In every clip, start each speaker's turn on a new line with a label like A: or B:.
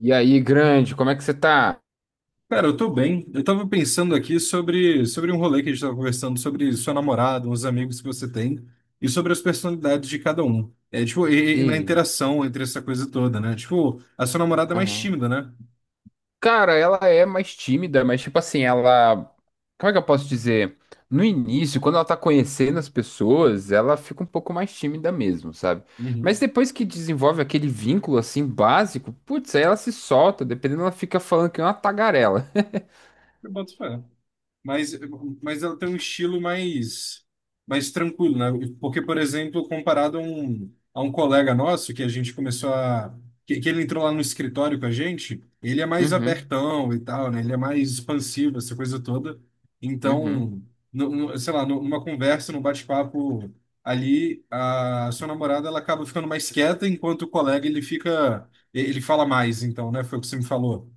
A: E aí, grande, como é que você tá?
B: Cara, eu tô bem. Eu tava pensando aqui sobre um rolê que a gente tava conversando, sobre sua namorada, uns amigos que você tem, e sobre as personalidades de cada um. E na
A: E-
B: interação entre essa coisa toda, né? Tipo, a sua namorada é mais
A: Aham.
B: tímida, né?
A: Cara, ela é mais tímida, mas tipo assim, ela. Como é que eu posso dizer? No início, quando ela tá conhecendo as pessoas, ela fica um pouco mais tímida mesmo, sabe? Mas
B: Uhum.
A: depois que desenvolve aquele vínculo assim básico, putz, aí ela se solta, dependendo, ela fica falando que é uma tagarela.
B: Eu boto fé. mas, mas ela tem um estilo mais, mais tranquilo, né? Porque, por exemplo, comparado a um colega nosso que a gente começou a. Que ele entrou lá no escritório com a gente, ele é mais
A: Uhum,
B: abertão e tal, né? Ele é mais expansivo, essa coisa toda.
A: uhum.
B: Então, numa conversa, num bate-papo ali, a sua namorada ela acaba ficando mais quieta, enquanto o colega ele fica. Ele fala mais, então, né? Foi o que você me falou.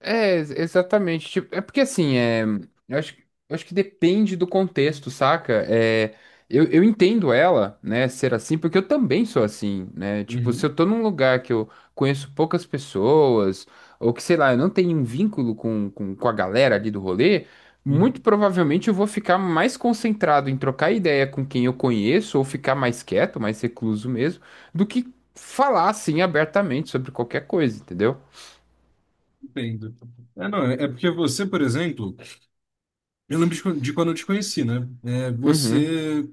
A: Exatamente. Tipo, é porque assim, é, eu acho, que- eu acho que depende do contexto, saca? É, eu entendo ela, né, ser assim, porque eu também sou assim, né? Tipo, se eu tô num lugar que eu conheço poucas pessoas, ou que, sei lá, eu não tenho um vínculo com, com a galera ali do rolê, muito
B: Uhum.
A: provavelmente eu vou ficar mais concentrado em trocar ideia com quem eu conheço, ou ficar mais quieto, mais recluso mesmo, do que falar assim abertamente sobre qualquer coisa, entendeu?
B: Entendo. É, não, é porque você, por exemplo, eu lembro de quando eu te conheci, né? É,
A: Uhum.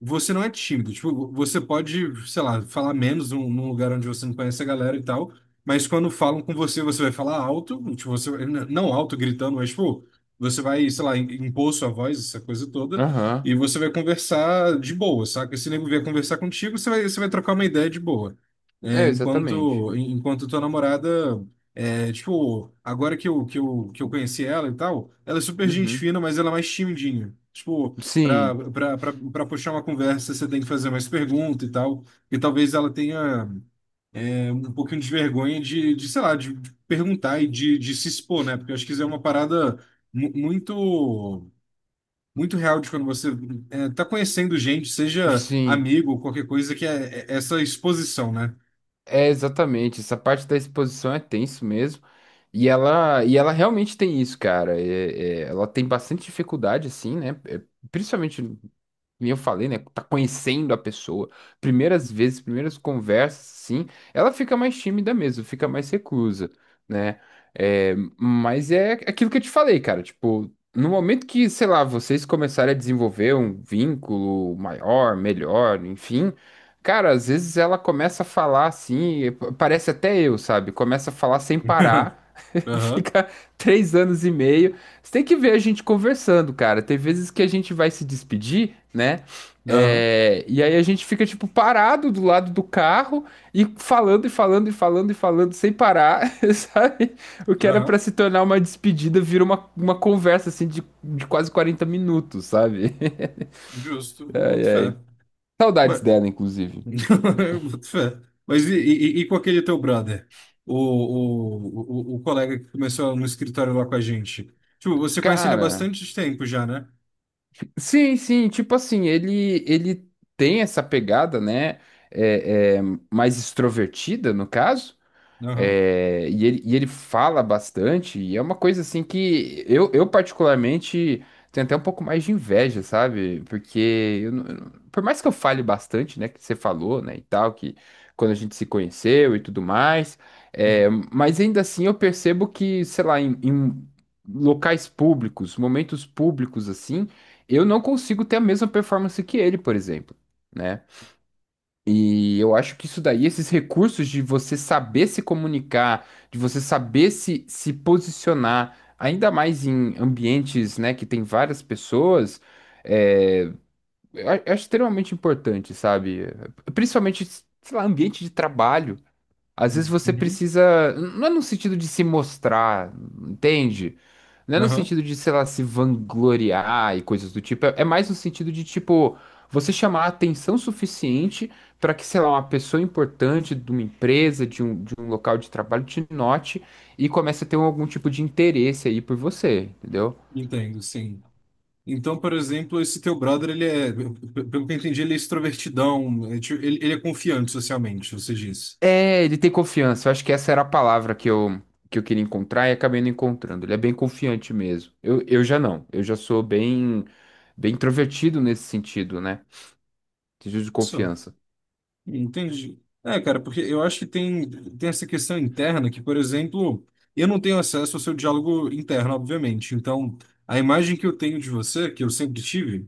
B: você não é tímido. Tipo, você pode, sei lá, falar menos num lugar onde você não conhece a galera e tal, mas quando falam com você, você vai falar alto, tipo, você, n- não alto gritando, mas, tipo, você vai, sei lá, impor sua voz, essa coisa toda, e
A: Aham.
B: você vai conversar de boa, saca? Se o nego vier conversar contigo, você vai trocar uma ideia de boa. É,
A: É, exatamente.
B: enquanto tua namorada. É, tipo, agora que eu conheci ela e tal, ela é super gente
A: Uhum.
B: fina, mas ela é mais timidinha. Tipo,
A: Sim,
B: pra puxar uma conversa, você tem que fazer mais pergunta e tal. E talvez ela tenha um pouquinho de vergonha sei lá, de perguntar e de se expor, né? Porque eu acho que isso é uma parada muito, muito real de quando você tá conhecendo gente, seja
A: sim.
B: amigo ou qualquer coisa, que é essa exposição, né?
A: É exatamente. Essa parte da exposição é tenso mesmo. E ela realmente tem isso, cara. É, ela tem bastante dificuldade, assim, né? É, principalmente. E eu falei, né? Tá conhecendo a pessoa. Primeiras vezes, primeiras conversas, sim. Ela fica mais tímida mesmo, fica mais reclusa, né? É, mas é aquilo que eu te falei, cara. Tipo, no momento que, sei lá, vocês começarem a desenvolver um vínculo maior, melhor, enfim. Cara, às vezes ela começa a falar assim, e parece até eu, sabe? Começa a falar sem parar.
B: Aham,
A: Fica 3 anos e meio. Você tem que ver a gente conversando, cara. Tem vezes que a gente vai se despedir, né?
B: aham,
A: É, e aí a gente fica, tipo, parado do lado do carro e falando e falando e falando e falando sem parar, sabe? O que era pra
B: aham,
A: se tornar uma despedida vira uma conversa, assim, de quase 40 minutos, sabe?
B: justo, eu
A: Ai,
B: boto
A: ai.
B: fé.
A: Saudades dela, inclusive.
B: Eu boto fé. Mas e com aquele teu brother? O colega que começou no escritório lá com a gente. Tipo, você conhece ele há
A: Cara.
B: bastante tempo já, né?
A: Sim, sim, tipo assim, ele tem essa pegada, né? É, mais extrovertida, no caso.
B: Aham.
A: É, e ele fala bastante, e é uma coisa assim que eu particularmente tenho até um pouco mais de inveja, sabe? Porque eu não- por mais que eu fale bastante, né, que você falou, né, e tal, que quando a gente se conheceu e tudo mais,
B: Uhum.
A: é, mas ainda assim eu percebo que, sei lá, em locais públicos, momentos públicos assim, eu não consigo ter a mesma performance que ele, por exemplo. Né? E eu acho que isso daí, esses recursos de você saber se comunicar, de você saber se posicionar, ainda mais em ambientes, né, que tem várias pessoas, é, eu acho extremamente importante, sabe? Principalmente, sei lá, ambiente de trabalho. Às vezes você
B: Uhum.
A: precisa, não é no sentido de se mostrar, entende? Não é no
B: Aham.
A: sentido de, sei lá, se vangloriar e coisas do tipo. É, é mais no sentido de, tipo, você chamar a atenção suficiente para que, sei lá, uma pessoa importante de uma empresa, de um local de trabalho te note e comece a ter algum tipo de interesse aí por você, entendeu?
B: Entendo, sim. Então, por exemplo, esse teu brother, ele é, p- pelo que eu entendi, ele é extrovertidão, é tipo- ele é confiante socialmente, você disse.
A: É, ele tem confiança. Eu acho que essa era a palavra que eu queria encontrar e acabei não encontrando. Ele é bem confiante mesmo. Eu já não. Eu já sou bem, bem introvertido nesse sentido, né? Sentido de
B: Só.
A: confiança.
B: Entendi. É, cara, porque eu acho que tem, tem essa questão interna que, por exemplo, eu não tenho acesso ao seu diálogo interno, obviamente. Então, a imagem que eu tenho de você, que eu sempre tive,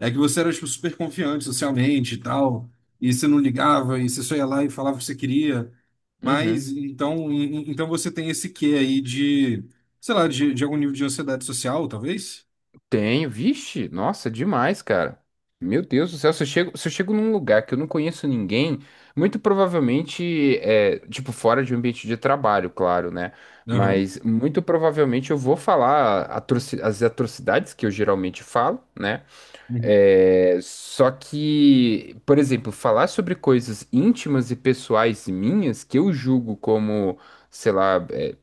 B: é que você era, tipo, super confiante socialmente e tal, e você não ligava, e você só ia lá e falava o que você queria. Mas,
A: Uhum.
B: então, então você tem esse quê aí de, sei lá, de algum nível de ansiedade social, talvez?
A: Tenho, vixe, nossa, demais, cara. Meu Deus do céu, se eu chego num lugar que eu não conheço ninguém, muito provavelmente, é, tipo, fora de um ambiente de trabalho, claro, né?
B: Aham.
A: Mas muito provavelmente eu vou falar as atrocidades que eu geralmente falo, né?
B: Uhum.
A: É, só que, por exemplo, falar sobre coisas íntimas e pessoais minhas, que eu julgo como, sei lá, é,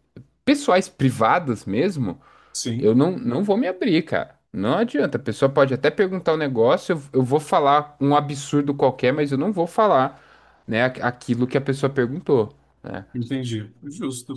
A: pessoais privadas mesmo, eu
B: Sim.
A: não vou me abrir, cara. Não adianta. A pessoa pode até perguntar um negócio, eu vou falar um absurdo qualquer, mas eu não vou falar, né, aquilo que a pessoa perguntou, né?
B: Entendi. Justo.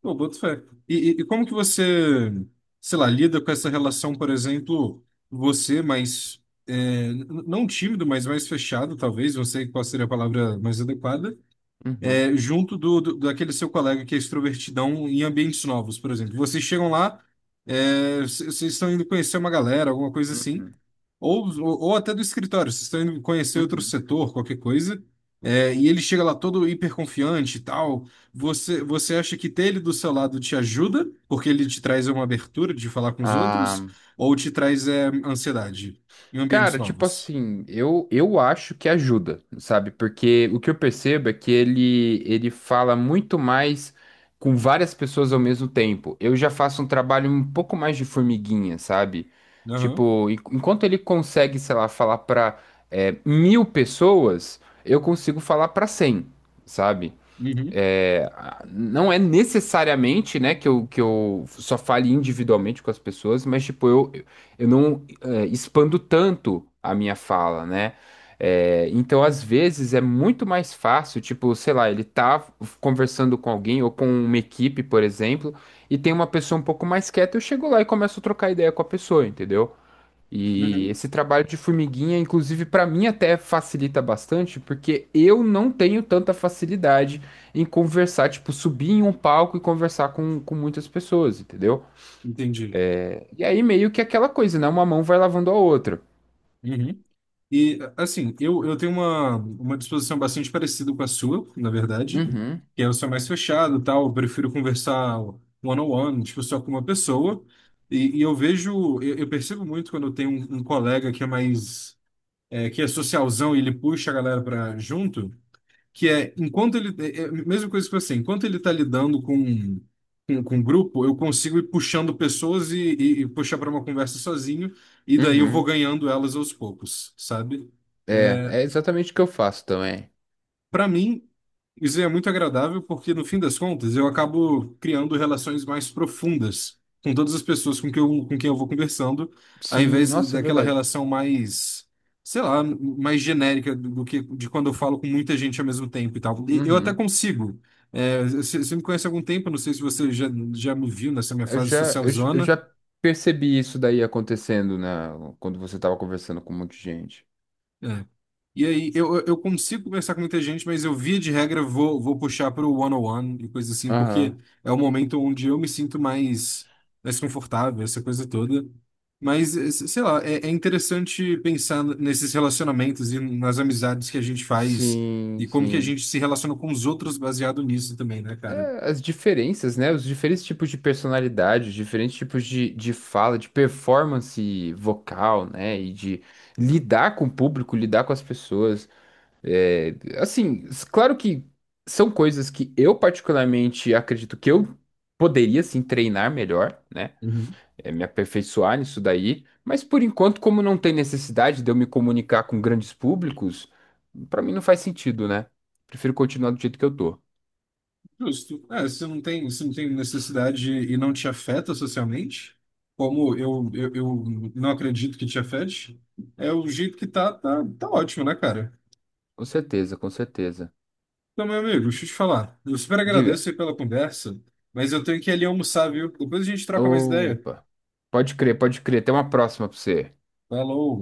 B: Pô, boto fé. E, e como que você, sei lá, lida com essa relação, por exemplo, você mais, é, n- não tímido, mas mais fechado, talvez, não sei qual seria a palavra mais adequada,
A: Uhum,
B: é, junto daquele seu colega que é extrovertidão em ambientes novos, por exemplo. Vocês chegam lá, é, c- vocês estão indo conhecer uma galera, alguma coisa assim,
A: uhum,
B: ou, ou até do escritório, vocês estão indo conhecer outro
A: uhum.
B: setor, qualquer coisa, é, e ele chega lá todo hiperconfiante e tal. Você acha que ter ele do seu lado te ajuda, porque ele te traz uma abertura de falar com os
A: Ah,
B: outros, ou te traz ansiedade em ambientes
A: cara, tipo
B: novos?
A: assim, eu acho que ajuda, sabe? Porque o que eu percebo é que ele fala muito mais com várias pessoas ao mesmo tempo. Eu já faço um trabalho um pouco mais de formiguinha, sabe?
B: Aham.
A: Tipo, enquanto ele consegue, sei lá, falar pra é, 1.000 pessoas, eu consigo falar pra 100, sabe?
B: Uhum.
A: É, não é necessariamente, né, que eu só fale individualmente com as pessoas, mas, tipo, eu não é, expando tanto a minha fala, né? É, então, às vezes, é muito mais fácil, tipo, sei lá, ele tá conversando com alguém ou com uma equipe, por exemplo, e tem uma pessoa um pouco mais quieta, eu chego lá e começo a trocar ideia com a pessoa, entendeu? E
B: Uhum.
A: esse trabalho de formiguinha, inclusive, para mim até facilita bastante, porque eu não tenho tanta facilidade em conversar, tipo, subir em um palco e conversar com muitas pessoas, entendeu?
B: Entendi.
A: E aí meio que aquela coisa, né? Uma mão vai lavando a outra.
B: Uhum. E, assim, eu tenho uma disposição bastante parecida com a sua, na verdade,
A: Uhum,
B: que é eu sou mais fechado, tal, eu prefiro conversar one-on-one, tipo, só com uma pessoa, e eu vejo, eu percebo muito quando eu tenho um, um colega que é mais, é, que é socialzão e ele puxa a galera para junto, que é enquanto ele é a mesma coisa que você, enquanto ele está lidando com com grupo, eu consigo ir puxando pessoas e puxar para uma conversa sozinho e daí eu vou
A: uhum.
B: ganhando elas aos poucos, sabe?
A: É,
B: É,
A: é exatamente o que eu faço também.
B: para mim, isso é muito agradável porque, no fim das contas, eu acabo criando relações mais profundas com todas as pessoas com com quem eu vou conversando, ao
A: Sim,
B: invés
A: nossa, é
B: daquela
A: verdade.
B: relação mais, sei lá, mais genérica do que de quando eu falo com muita gente ao mesmo tempo e tal. E eu até
A: Uhum.
B: consigo. É, você me conhece há algum tempo, não sei se você já, já me viu nessa minha fase social
A: Eu
B: zona.
A: já percebi isso daí acontecendo, né? Quando você tava conversando com um monte de gente.
B: É, e aí, eu consigo conversar com muita gente, mas eu, via de regra, vou puxar para o one-on-one e coisa assim, porque
A: Aham.
B: é o momento onde eu me sinto mais, mais confortável, essa coisa toda. Mas, eh, se- sei lá, é, é interessante pensar nesses relacionamentos e nas amizades que a gente faz
A: Sim,
B: e como que a
A: sim.
B: gente se relaciona com os outros baseado nisso também, né, cara?
A: É, as diferenças, né? Os diferentes tipos de personalidade, os diferentes tipos de fala, de performance vocal, né? E de lidar com o público, lidar com as pessoas. É, assim, claro que são coisas que eu particularmente acredito que eu poderia, sim, treinar melhor, né? É, me aperfeiçoar nisso daí. Mas por enquanto, como não tem necessidade de eu me comunicar com grandes públicos, pra mim não faz sentido, né? Prefiro continuar do jeito que eu tô.
B: Justo. É, se não tem, se não tem necessidade e não te afeta socialmente, como eu não acredito que te afete, é o jeito que tá, tá ótimo, né, cara?
A: Com certeza, com certeza.
B: Então, meu amigo, deixa eu te falar. Eu super
A: Diga.
B: agradeço aí pela conversa, mas eu tenho que ir ali almoçar, viu? Depois a gente troca mais ideia.
A: Opa. Pode crer, pode crer. Tem uma próxima pra você.
B: Falou!